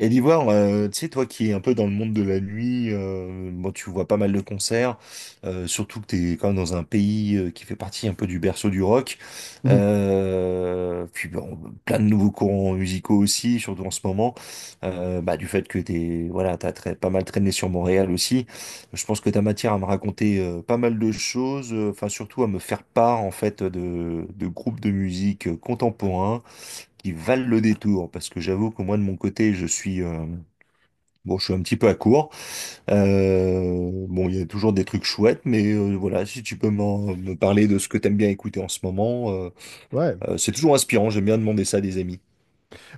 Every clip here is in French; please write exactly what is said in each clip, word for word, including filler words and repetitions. Et l'Ivoire, euh, tu sais, toi qui es un peu dans le monde de la nuit, euh, bon, tu vois pas mal de concerts, euh, surtout que t'es quand même dans un pays euh, qui fait partie un peu du berceau du rock. Mhm. Euh, puis bon, plein de nouveaux courants musicaux aussi, surtout en ce moment. Euh, bah, du fait que t'es, voilà, t'as très, pas mal traîné sur Montréal aussi. Je pense que t'as matière à me raconter euh, pas mal de choses, euh, enfin surtout à me faire part en fait de, de groupes de musique euh, contemporains qui valent le détour, parce que j'avoue que moi de mon côté, je suis euh, bon, je suis un petit peu à court. Euh, bon, il y a toujours des trucs chouettes, mais euh, voilà, si tu peux m'en- me parler de ce que t'aimes bien écouter en ce moment, euh, Ouais, euh, c'est toujours inspirant. J'aime bien demander ça à des amis.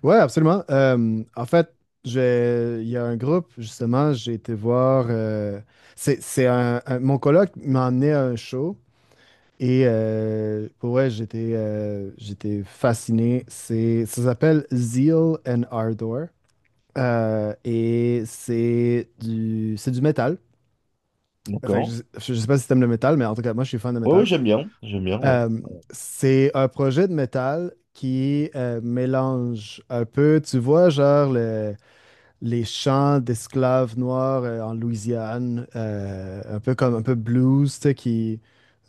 ouais, absolument. Euh, en fait, j'ai- il y a un groupe, justement, j'ai été voir. Euh, c'est, c'est un, un- mon coloc m'a emmené à un show et euh, pour vrai, j'étais euh, j'étais fasciné. C'est, ça s'appelle Zeal and Ardor. Euh, et c'est du, c'est du métal. Fait que D'accord. je, je sais pas si t'aimes le métal, mais en tout cas, moi, je suis fan de Ouais, métal. ouais, j'aime bien, j'aime bien, ouais. Euh, c'est un projet de métal qui euh, mélange un peu, tu vois, genre le- les chants d'esclaves noirs euh, en Louisiane, euh, un peu comme un peu blues, tu sais, qui,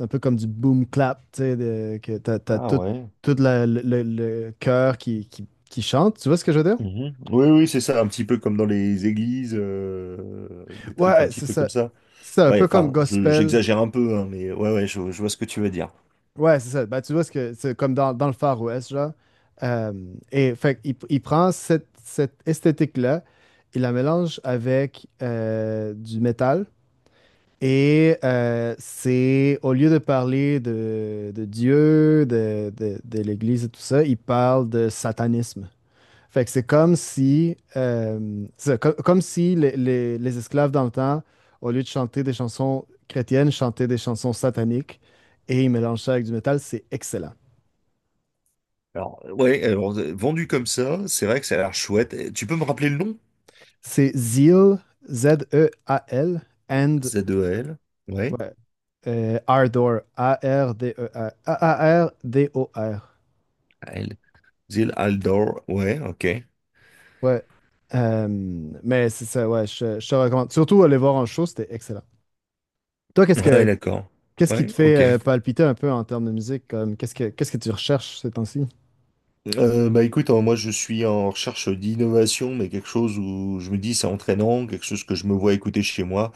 un peu comme du boom clap, tu sais, de- que t'as, t'as Ah tout, ouais. tout la- le, le- le chœur qui, qui, qui chante, tu vois ce que je veux dire? Mhm. Oui, oui, c'est ça, un petit peu comme dans les églises, euh, des trucs un Ouais, petit c'est peu comme ça. ça. C'est un Ouais, peu comme enfin, je- gospel. j'exagère un peu, hein, mais ouais, ouais, je, je vois ce que tu veux dire. Ouais, c'est ça. Bah, tu vois, ce que c'est comme dans, dans, le Far West, genre. Euh, et fait, qu'il- il, prend cette, cette esthétique-là, il la mélange avec euh, du métal. Et euh, c'est, au lieu de parler de, de Dieu, de, de, de l'Église et tout ça, il parle de satanisme. Fait que c'est comme si, euh, c'est co- comme si les, les- les esclaves dans le temps, au lieu de chanter des chansons chrétiennes, chantaient des chansons sataniques et ils mélangent ça avec du métal. C'est excellent. Alors, euh, ouais, alors, euh, vendu comme ça, c'est vrai que ça a l'air chouette. Eh, tu peux me rappeler le nom? C'est Zeal, Z E A L, and Z E L. Ouais. ouais, euh, Ardor, A-R-D-E-R, r d E R, A R D o r. Al. Zil Aldor. Ouais, ok. Ouais. Euh, mais c'est ça, ouais, je, je te recommande. Surtout aller voir en show, c'était excellent. Toi, qu'est-ce Ouais, que, d'accord. qu'est-ce qui te Ouais, fait ok. euh, palpiter un peu en termes de musique? Comme, qu'est-ce que, qu'est-ce que tu recherches ces temps-ci? Euh, bah écoute, hein, moi je suis en recherche d'innovation, mais quelque chose où je me dis c'est entraînant, quelque chose que je me vois écouter chez moi.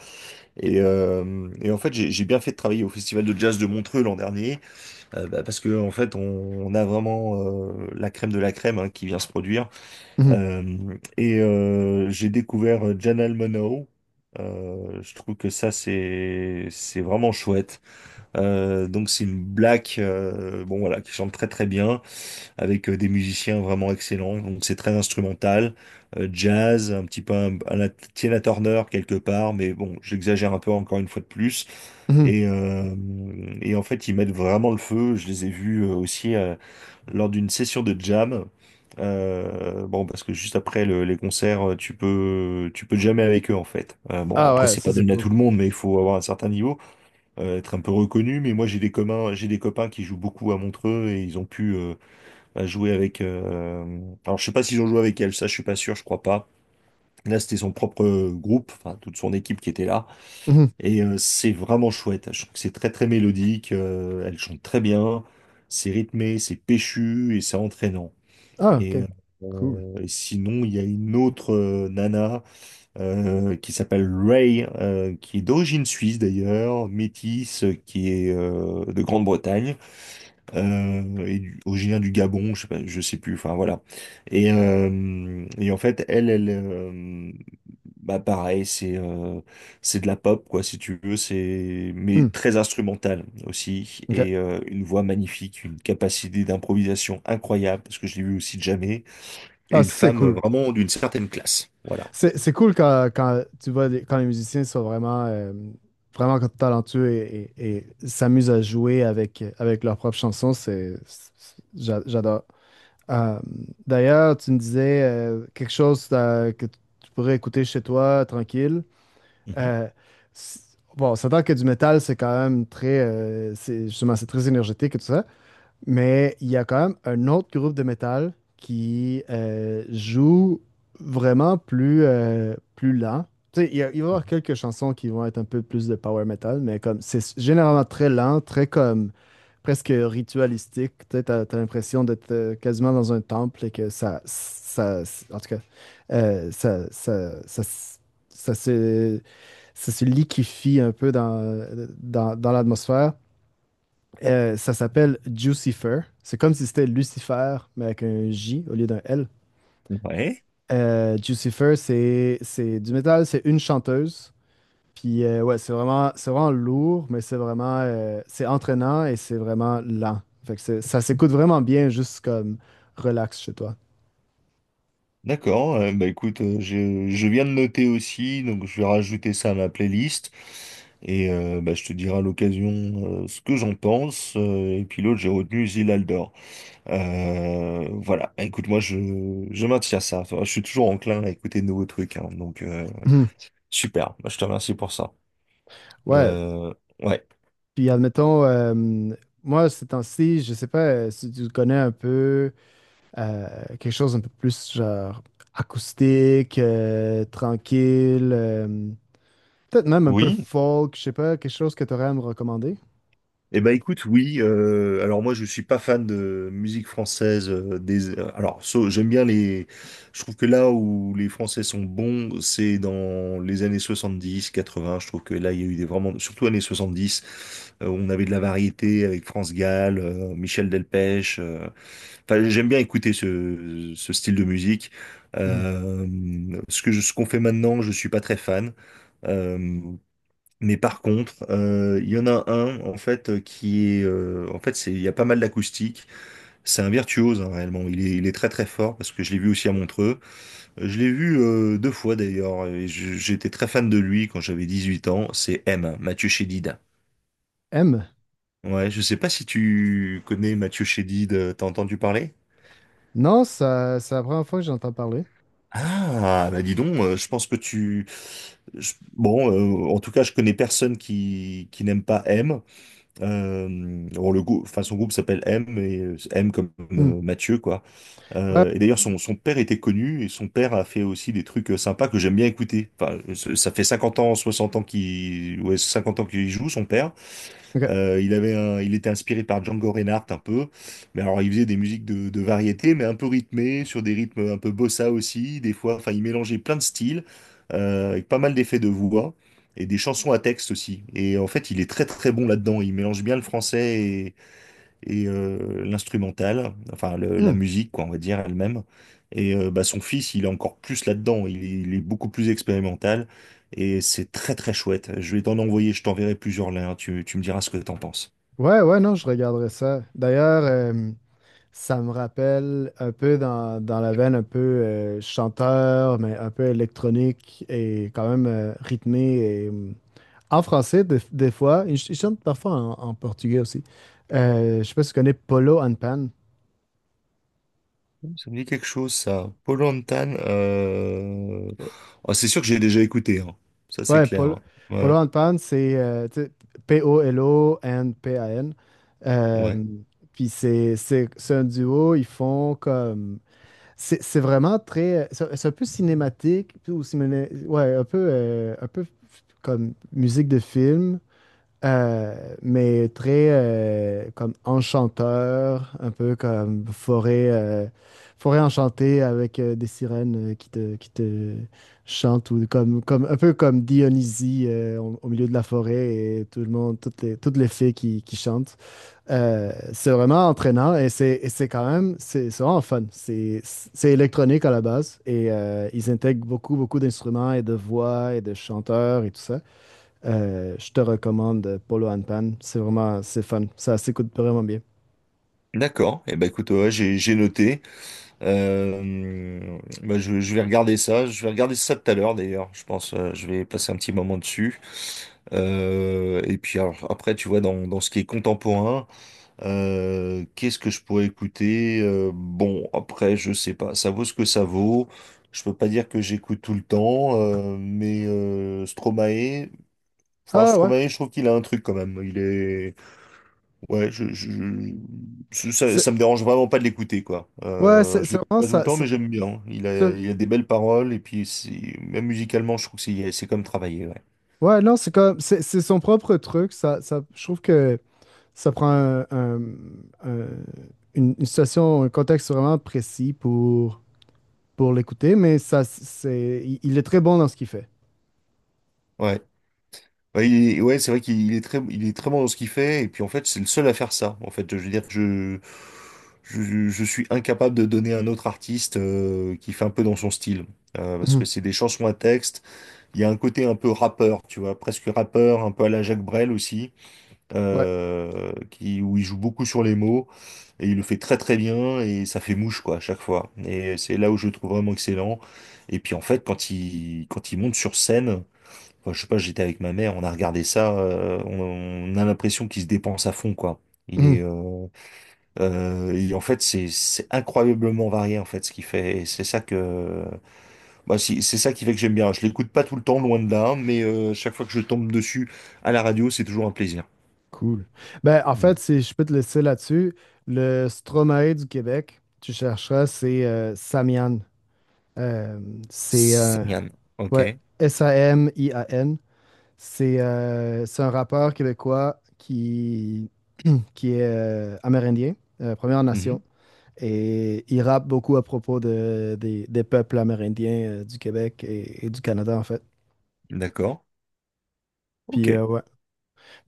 Et, euh, et en fait, j'ai j'ai bien fait de travailler au Festival de jazz de Montreux l'an dernier, euh, bah, parce que en fait, on, on a vraiment euh, la crème de la crème hein, qui vient se produire. Mhm, Euh, et euh, j'ai découvert euh, Janelle Monáe. Euh, je trouve que ça, c'est, c'est vraiment chouette. Euh, donc c'est une black, euh, bon voilà, qui chante très très bien, avec euh, des musiciens vraiment excellents. Donc c'est très instrumental, euh, jazz, un petit peu un, un la- Tina Turner quelque part, mais bon, j'exagère un peu encore une fois de plus. mhm. Et, euh, et en fait, ils mettent vraiment le feu. Je les ai vus euh, aussi euh, lors d'une session de jam. Euh, bon, parce que juste après le- les concerts, euh, tu peux, tu peux jammer avec eux en fait. Euh, bon, Ah après ouais, c'est ça pas c'est donné à cool. tout le monde, mais il faut avoir un certain niveau euh, être un peu reconnu, mais moi j'ai des communs, j'ai des copains qui jouent beaucoup à Montreux et ils ont pu euh, bah, jouer avec. Euh, alors je sais pas s'ils ont joué avec elle, ça je suis pas sûr, je crois pas. Là c'était son propre euh, groupe, enfin toute son équipe qui était là Mhm. et euh, c'est vraiment chouette. Je trouve que c'est très très mélodique, euh, elle chante très bien, c'est rythmé, c'est péchu et c'est entraînant. Ah, Et, ok. Cool. euh, et sinon il y a une autre euh, nana euh, qui s'appelle Ray, euh, qui est d'origine suisse d'ailleurs, métisse, euh, qui est euh, de Grande-Bretagne, euh, et du- originaire du Gabon, je sais pas, je sais plus, enfin voilà. Et, euh, et en fait, elle, elle, euh, bah pareil, c'est euh, c'est de la pop quoi, si tu veux, c'est mais Hmm, très instrumentale aussi, et ok. euh, une voix magnifique, une capacité d'improvisation incroyable, parce que je l'ai vu aussi de jamais, et Ah, une ça c'est femme euh, cool. vraiment d'une certaine classe, voilà. C'est, c'est cool quand, quand, tu vois des- quand les musiciens sont vraiment, euh, vraiment talentueux et, et- et s'amusent à jouer avec, avec leurs propres chansons. C'est, c'est- j'a- j'adore. Euh, D'ailleurs, tu me disais euh, quelque chose euh, que tu pourrais écouter chez toi, tranquille. Mhm, Euh, c- bon, on s'entend que du métal, c'est quand même très, euh, c'est justement, c'est très énergétique et tout ça, mais il y a quand même un autre groupe de métal qui euh, joue vraiment plus, euh, plus lent. Tu sais, il y a- il va y avoir quelques chansons qui vont être un peu plus de power metal, mais comme c'est s- généralement très lent, très comme presque ritualistique. Tu sais, t'as, t'as l'impression d'être euh, quasiment dans un temple et que ça, ça, en tout cas, euh, ça, ça, ça, ça, se- ça se liquéfie un peu dans, dans, dans l'atmosphère. Euh, ça s'appelle Jucifer. C'est comme si c'était Lucifer, mais avec un J au lieu d'un L. mhm. Ouais. Euh, Jucifer, c'est c'est du métal, c'est une chanteuse. Puis euh, ouais, c'est vraiment, c'est vraiment lourd, mais c'est vraiment euh, c'est entraînant et c'est vraiment lent. Fait que c'est- ça s'écoute vraiment bien, juste comme relax chez toi. D'accord, euh, bah écoute, euh, je, je viens de noter aussi, donc je vais rajouter ça à ma playlist et euh, bah, je te dirai à l'occasion euh, ce que j'en pense. Euh, et puis l'autre, j'ai retenu Zilaldor. Euh, voilà, Bah, écoute, moi je, je maintiens ça. Enfin, je suis toujours enclin à écouter de nouveaux trucs, hein. Donc euh, super, bah, je te remercie pour ça. Ouais, Euh, ouais, puis admettons, euh, moi, ces temps-ci, je sais pas euh, si tu connais un peu Euh, quelque chose un peu plus genre acoustique, euh, tranquille, euh, peut-être même un peu oui. folk, je sais pas, quelque chose que tu aurais à me recommander. Eh ben écoute, oui. Euh, alors moi, je suis pas fan de musique française. Euh, des, euh, alors so- j'aime bien les. Je trouve que là où les Français sont bons, c'est dans les années soixante-dix, quatre-vingts. Je trouve que là, il y a eu des vraiment, surtout années soixante-dix, euh, où on avait de la variété avec France Gall, euh, Michel Delpech. euh. Enfin, j'aime bien écouter ce, ce style de musique. Mhm. Euh, Ce que je- ce qu'on fait maintenant, je suis pas très fan. Euh, mais par contre, euh, il y en a un en fait euh, qui est, euh, en fait, c'est, il y a pas mal d'acoustique. C'est un virtuose hein, réellement. Il est, il est très très fort parce que je l'ai vu aussi à Montreux. Euh, Je l'ai vu euh, deux fois d'ailleurs. Et je- j'étais très fan de lui quand j'avais dix-huit ans. C'est M, Mathieu Chédid. M. Ouais, je sais pas si tu connais Mathieu Chédid. euh, T'as entendu parler? Non, ça, c'est la première fois que j'entends parler. Ah, bah dis donc, euh, je pense que tu... je- bon, euh, en tout cas, je connais personne qui, qui n'aime pas M. Euh, bon, le groupe, enfin, son groupe s'appelle M, et euh, M comme Hmm. euh, Mathieu, quoi. Ouais, Euh, et d'ailleurs, son, son père était connu, et son père a fait aussi des trucs euh, sympas que j'aime bien écouter. Enfin, ça ça fait cinquante ans, soixante ans qu'il, ouais, cinquante ans qu'il joue, son père. ok. Euh, il avait un- il était inspiré par Django Reinhardt un peu, mais alors il faisait des musiques de, de variété, mais un peu rythmées, sur des rythmes un peu bossa aussi, des fois, enfin il mélangeait plein de styles, euh, avec pas mal d'effets de voix, et des chansons à texte aussi. Et en fait il est très très bon là-dedans, il mélange bien le français et euh, l'instrumental, enfin le- la Hmm. musique, quoi, on va dire elle-même. Et euh, bah, son fils, il est encore plus là-dedans, il, est il est beaucoup plus expérimental et c'est très très chouette. Je vais t'en envoyer, je t'enverrai plusieurs liens, tu, tu me diras ce que t'en penses. Ouais, ouais, non, je regarderai ça. D'ailleurs, euh, ça me rappelle un peu dans, dans, la veine un peu euh, chanteur, mais un peu électronique et quand même euh, rythmé en français, des, des fois, ils ch- ils chantent parfois en, en portugais aussi. Euh, je sais pas si tu connais Polo and Pan. Ça me dit quelque chose, ça. Paul Antan, euh... ah, c'est sûr que j'ai déjà écouté, hein. Ça c'est Ouais, clair. Polo, Hein. Polo Ouais, and Pan, c'est euh, tu sais, P O L O and P A N. Euh, ouais. Puis c'est c'est- c'est un duo, ils font comme. C'est c'est vraiment très. C'est c'est un peu cinématique, puis ou ciné- ouais, un peu, euh, un peu comme musique de film. Euh, mais très euh, comme enchanteur, un peu comme forêt, euh, forêt enchantée avec euh, des sirènes euh, qui te, qui te chantent, ou comme, comme, un peu comme Dionysie euh, au, au milieu de la forêt et tout le monde, toutes les, toutes les fées qui, qui chantent. Euh, c'est vraiment entraînant et c'est et c'est quand même, c'est c'est vraiment fun. C'est c'est électronique à la base et euh, ils intègrent beaucoup, beaucoup d'instruments et de voix et de chanteurs et tout ça. Euh, je te recommande Polo and Pan. C'est vraiment, c'est fun. Ça s'écoute vraiment bien. D'accord. Et eh ben écoute, ouais, j'ai j'ai noté. Euh, bah, je, je vais regarder ça. Je vais regarder ça tout à l'heure d'ailleurs. Je pense, euh, je vais passer un petit moment dessus. Euh, et puis alors, après, tu vois, dans, dans ce qui est contemporain, euh, qu'est-ce que je pourrais écouter? Euh, bon, après, je sais pas. Ça vaut ce que ça vaut. Je peux pas dire que j'écoute tout le temps, euh, mais euh, Stromae, enfin Ah ouais. Stromae, je trouve qu'il a un truc quand même. Il est. Ouais, je, je, je- ça, C'est, ça me dérange vraiment pas de l'écouter, quoi. ouais, Euh, c'est Je c'est l'écoute vraiment pas tout le ça. temps, c'est- mais j'aime bien. Il Ça- a, il a des belles paroles, et puis c'est- même musicalement, je trouve que c'est c'est comme travailler, ouais. Ouais, non, c'est comme, c'est c'est son propre truc. Ça, ça, je trouve que ça prend un- un- un- une, une situation, un contexte vraiment précis pour, pour l'écouter, mais ça, c'est, il, il est très bon dans ce qu'il fait. Ouais, ouais, il est- ouais, c'est vrai qu'il est très, il est très bon dans ce qu'il fait, et puis en fait, c'est le seul à faire ça. En fait, je veux dire, je, je, je suis incapable de donner un autre artiste euh, qui fait un peu dans son style. Euh, parce que Mhm. c'est des chansons à texte, il y a un côté un peu rappeur, tu vois, presque rappeur, un peu à la Jacques Brel aussi. Ouais. Euh, qui, où il joue beaucoup sur les mots, et il le fait très très bien, et ça fait mouche quoi à chaque fois. Et c'est là où je le trouve vraiment excellent. Et puis en fait, quand il, quand il monte sur scène, enfin, je sais pas, j'étais avec ma mère, on a regardé ça, euh, on, on a l'impression qu'il se dépense à fond quoi. Il Mhm. est. Euh, euh, et en fait, c'est c'est incroyablement varié en fait ce qu'il fait. Et c'est ça que, bah, si- c'est ça qui fait que j'aime bien. Je l'écoute pas tout le temps, loin de là, mais euh, chaque fois que je tombe dessus à la radio, c'est toujours un plaisir. Cool. Ben, en fait, si je peux te laisser là-dessus, le Stromae du Québec, tu chercheras, c'est euh, Samian. Euh, c'est euh, Samian. Ok. ouais, S A M I A N. C'est euh, c'est un rappeur québécois qui, qui est euh, amérindien, euh, Première Nation. Mhm. Et il rappe beaucoup à propos de, des, des peuples amérindiens euh, du Québec et, et du Canada, en fait. D'accord. Ok. Puis euh, ouais.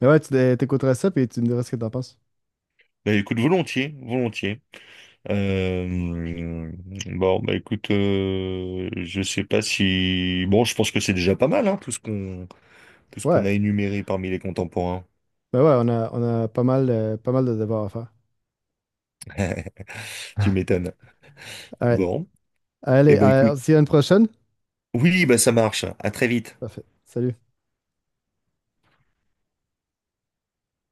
Mais ouais, tu t'é- t'écouterais ça, puis tu me diras ce que t'en penses. Bah écoute, volontiers, volontiers. Euh, bon, bah écoute, euh, je sais pas si. Bon, je pense que c'est déjà pas mal, hein, tout ce qu'on tout ce qu'on Ouais. a énuméré parmi les contemporains. Ben ouais, on a, on a pas mal, euh, pas mal de devoirs à faire. Tu m'étonnes. Alright. Bon. Eh Allez, ben euh, on écoute. se dit à une prochaine. Oui, bah ça marche. À très vite. Parfait. Salut.